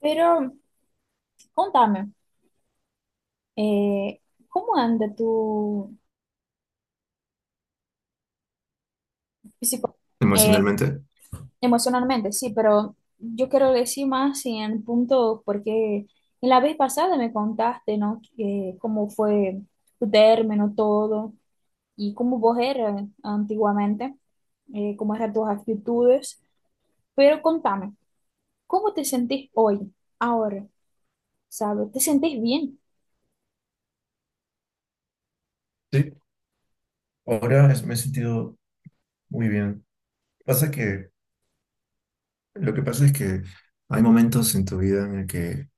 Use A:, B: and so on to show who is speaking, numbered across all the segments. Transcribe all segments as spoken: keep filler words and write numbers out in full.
A: Pero contame, eh, ¿cómo anda tu físico eh,
B: Emocionalmente.
A: emocionalmente? Sí, pero yo quiero decir más en el punto, porque en la vez pasada me contaste, ¿no? Que cómo fue tu término, todo, y cómo vos eras antiguamente, eh, cómo eran tus actitudes. Pero contame, ¿cómo te sentís hoy, ahora? ¿Sabes? ¿Te sentís bien?
B: Sí, ahora es- me he sentido muy bien. Pasa que, lo que pasa es que hay momentos en tu vida en el que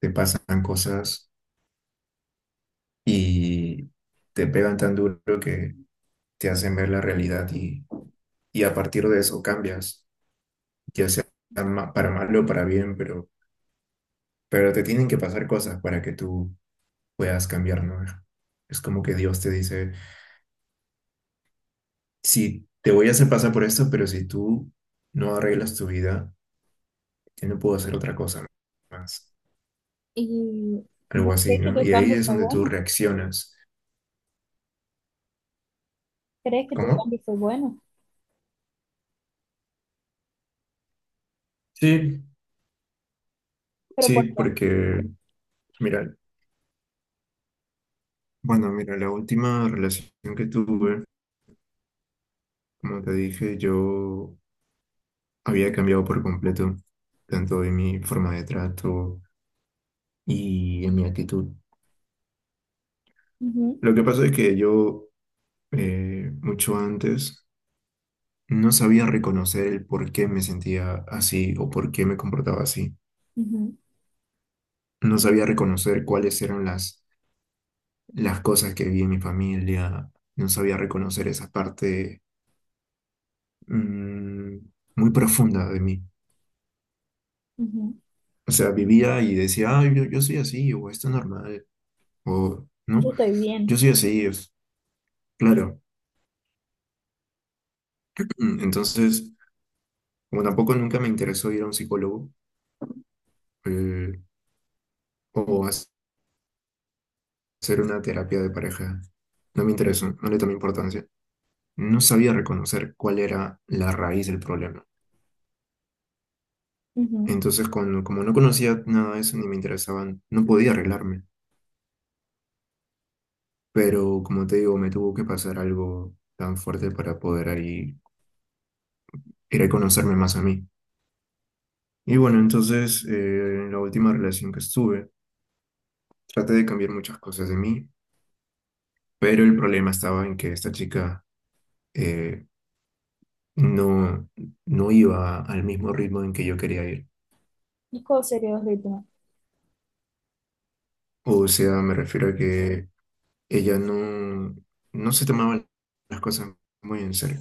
B: te pasan cosas y te pegan tan duro que te hacen ver la realidad y, y a partir de eso cambias, ya sea ma- para mal o para bien, pero, pero te tienen que pasar cosas para que tú puedas cambiar, ¿no? Es como que Dios te dice, sí, te voy a hacer pasar por esto, pero si tú no arreglas tu vida, que no puedo hacer otra cosa más,
A: ¿Y
B: algo
A: vos
B: así,
A: crees que
B: ¿no?
A: tu
B: Y ahí
A: cambio
B: es
A: fue
B: donde tú
A: bueno?
B: reaccionas.
A: ¿Crees que tu
B: ¿Cómo?
A: cambio fue bueno?
B: Sí,
A: Pero
B: sí,
A: ¿por qué?
B: porque, mira, bueno, mira, la última relación que tuve, como te dije, yo había cambiado por completo, tanto en mi forma de trato y en mi actitud.
A: Ujú,
B: Lo que pasa es que yo, eh, mucho antes, no sabía reconocer el por qué me sentía así o por qué me comportaba así.
A: ujú,
B: No sabía reconocer cuáles eran las las cosas que vi en mi familia, no sabía reconocer esa parte mm, muy profunda de mí.
A: ujú.
B: O sea, vivía y decía, ah yo, yo soy así, o esto es normal, o no,
A: Yo estoy
B: yo
A: bien.
B: soy así, es claro. Mm, Entonces, como tampoco nunca me interesó ir a un psicólogo eh, o hac- hacer una terapia de pareja, no me interesó, no le tomé importancia. No sabía reconocer cuál era la raíz del problema.
A: Ujú.
B: Entonces, cuando, como no conocía nada de eso ni me interesaban, no podía arreglarme. Pero como te digo, me tuvo que pasar algo tan fuerte para poder ahí ir a conocerme más a mí. Y bueno, entonces eh, en la última relación que estuve, traté de cambiar muchas cosas de mí, pero el problema estaba en que esta chica, eh, no, no iba al mismo ritmo en que yo quería ir.
A: ¿Y ¿Cuál sería el ritmo?
B: O sea, me refiero a que ella no, no se tomaba las cosas muy en serio,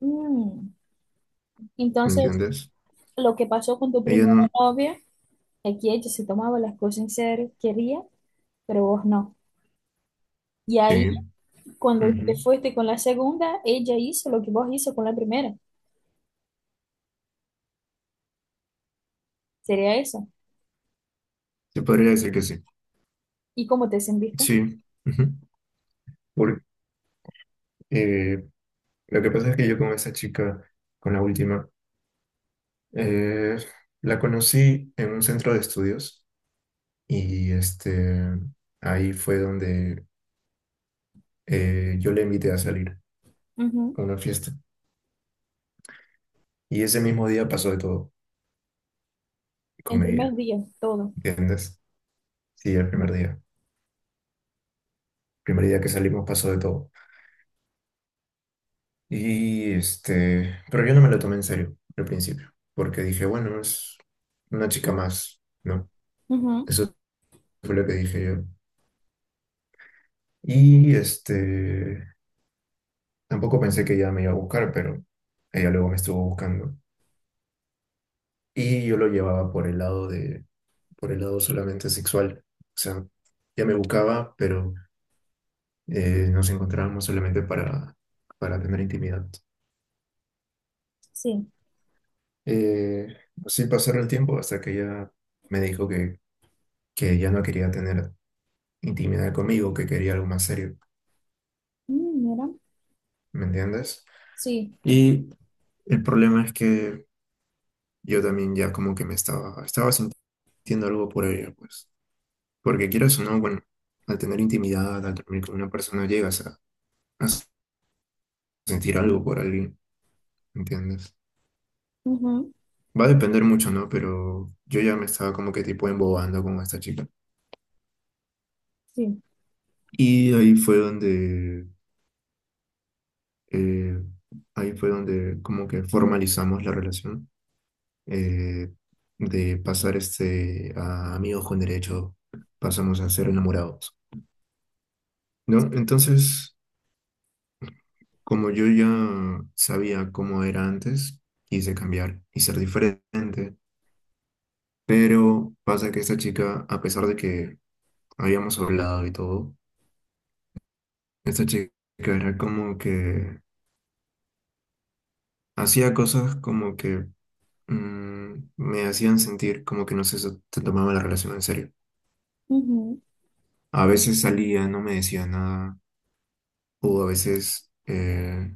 A: Mm.
B: ¿me
A: Entonces,
B: entiendes?
A: lo que pasó con tu
B: Ella
A: primera
B: no...
A: novia, aquí ella se tomaba las cosas en serio, quería, pero vos no. Y
B: Sí,
A: ahí, cuando te
B: ujú.
A: fuiste con la segunda, ella hizo lo que vos hizo con la primera. Sería eso.
B: Se podría decir que sí.
A: ¿Y cómo te sentiste?
B: Sí, ujú. Eh, lo que pasa es que yo con esa chica, con la última, eh, la conocí en un centro de estudios y este, ahí fue donde, eh, yo le invité a salir
A: Ujú.
B: a una fiesta. Y ese mismo día pasó de todo
A: En
B: con
A: primer
B: ella,
A: día, todo.
B: ¿entiendes? Sí, el primer día. Primer día que salimos pasó de todo. Y este, pero yo no me lo tomé en serio al principio, porque dije, bueno, es una chica más, ¿no?
A: Ujú,
B: Eso fue lo que dije yo. Y este, tampoco pensé que ella me iba a buscar, pero ella luego me estuvo buscando. Y yo lo llevaba por el lado de, por el lado solamente sexual. O sea, ella me buscaba, pero eh, nos encontrábamos solamente para, para tener intimidad.
A: sí.
B: Eh, así pasaron el tiempo hasta que ella me dijo que, que ella no quería tener intimidad conmigo, que quería algo más serio.
A: Mm, mira.
B: ¿Me entiendes?
A: Sí.
B: Y el problema es que yo también ya como que me estaba, estaba sintiendo algo por ella, pues. Porque quieras o no, bueno, al tener intimidad, al dormir con una persona, llegas a, a sentir algo por alguien, ¿entiendes?
A: Ujú,
B: Va a depender mucho, ¿no? Pero yo ya me estaba como que tipo embobando con esta chica.
A: sí.
B: Y ahí fue donde, eh, ahí fue donde como que formalizamos la relación, eh, de pasar este a amigos con derecho, pasamos a ser enamorados, ¿no? Entonces... Como yo ya sabía cómo era antes, quise cambiar y ser diferente. Pero pasa que esta chica, a pesar de que habíamos hablado y todo, esta chica era como que hacía cosas como que, mm, me hacían sentir como que no se, se tomaba la relación en serio.
A: Ujú.
B: A veces salía, no me decía nada, o a veces eh,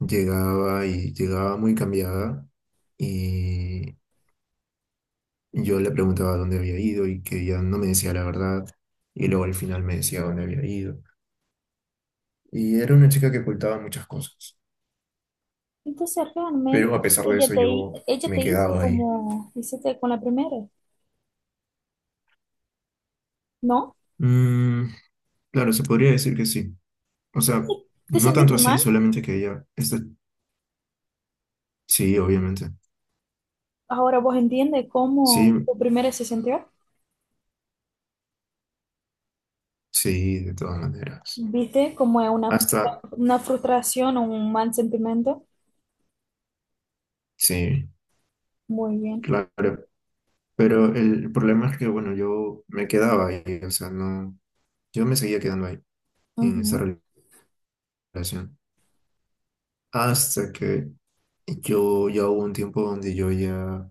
B: llegaba y llegaba muy cambiada y yo le preguntaba dónde había ido y que ella no me decía la verdad y luego al final me decía dónde había ido. Y era una chica que ocultaba muchas cosas,
A: Entonces realmente
B: pero a pesar de
A: ella
B: eso
A: te,
B: yo
A: ella
B: me
A: te hizo
B: quedaba ahí.
A: como hiciste con la primera, ¿no?
B: Mm, claro, se podría decir que sí. O sea,
A: Entonces, ¿te
B: no tanto
A: sentiste
B: así,
A: mal?
B: solamente que ella, esta, sí, obviamente.
A: Ahora vos entiendes cómo
B: Sí,
A: tu primera se sintió.
B: sí, de todas maneras.
A: ¿Viste? Como es una, frustra-
B: Hasta,
A: una frustración o un mal sentimiento.
B: sí,
A: Muy bien.
B: claro. Pero el problema es que, bueno, yo me quedaba ahí, o sea, no, yo me seguía quedando ahí en esa
A: Ujú,
B: relación. Hasta que yo ya hubo un tiempo donde yo ya,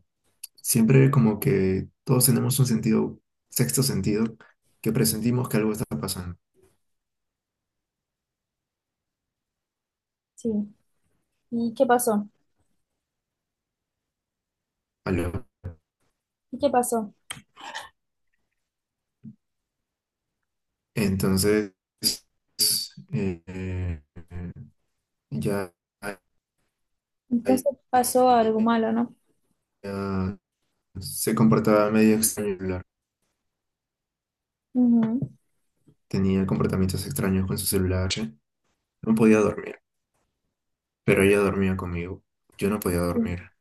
B: siempre como que todos tenemos un sentido, sexto sentido, que presentimos que algo está pasando.
A: sí. ¿Y qué pasó?
B: Algo.
A: ¿Y qué pasó?
B: Entonces, eh, eh, ya, ya
A: Entonces pasó algo malo, ¿no?
B: se comportaba medio extraño el celular.
A: Ujú,
B: Tenía comportamientos extraños con su celular. No podía dormir, pero ella dormía conmigo. Yo no podía
A: sí.
B: dormir.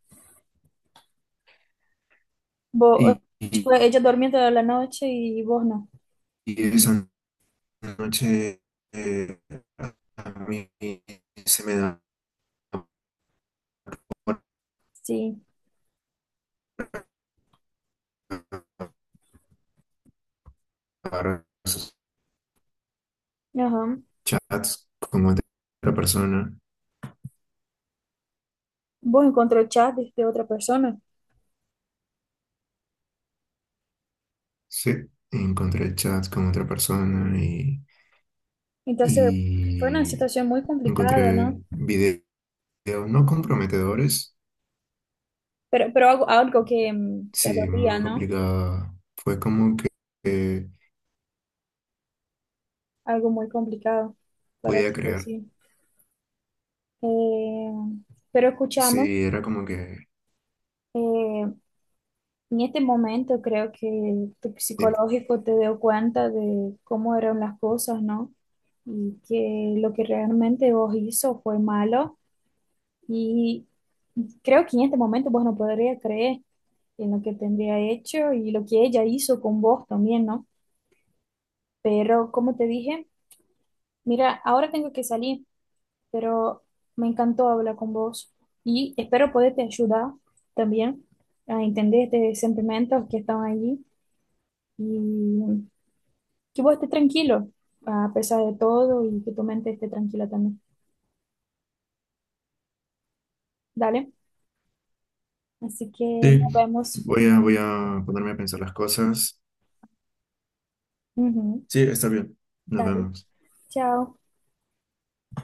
A: Vos,
B: Y,
A: eh,
B: y-
A: tipo, ella dormía toda la noche y vos no.
B: y eso la noche, eh, a mí se me da por
A: Sí.
B: ver esos
A: Ajá.
B: chats con otra persona.
A: ¿Vos encontró chat de otra persona?
B: Sí, encontré chats con otra persona y,
A: Entonces fue una
B: y
A: situación muy complicada,
B: encontré
A: ¿no?
B: videos no comprometedores.
A: Pero, pero algo, algo que mm, te
B: Sí,
A: dolía,
B: muy
A: ¿no?
B: complicada. Fue como que eh,
A: Algo muy complicado, por
B: podía
A: así
B: creer.
A: decir. Eh, pero escúchame,
B: Sí, era como que...
A: eh, en este momento creo que tu
B: Dime.
A: psicológico te dio cuenta de cómo eran las cosas, ¿no? Y que lo que realmente vos hizo fue malo. Y creo que en este momento vos no podrías creer en lo que tendría hecho y lo que ella hizo con vos también, ¿no? Pero como te dije, mira, ahora tengo que salir, pero me encantó hablar con vos y espero poderte ayudar también a entender estos sentimientos que están allí y que vos estés tranquilo a pesar de todo y que tu mente esté tranquila también. Dale, así que nos
B: Sí,
A: vemos.
B: voy a, voy a ponerme a pensar las cosas.
A: Ujú,
B: Sí, está bien. Nos
A: dale,
B: vemos.
A: chao.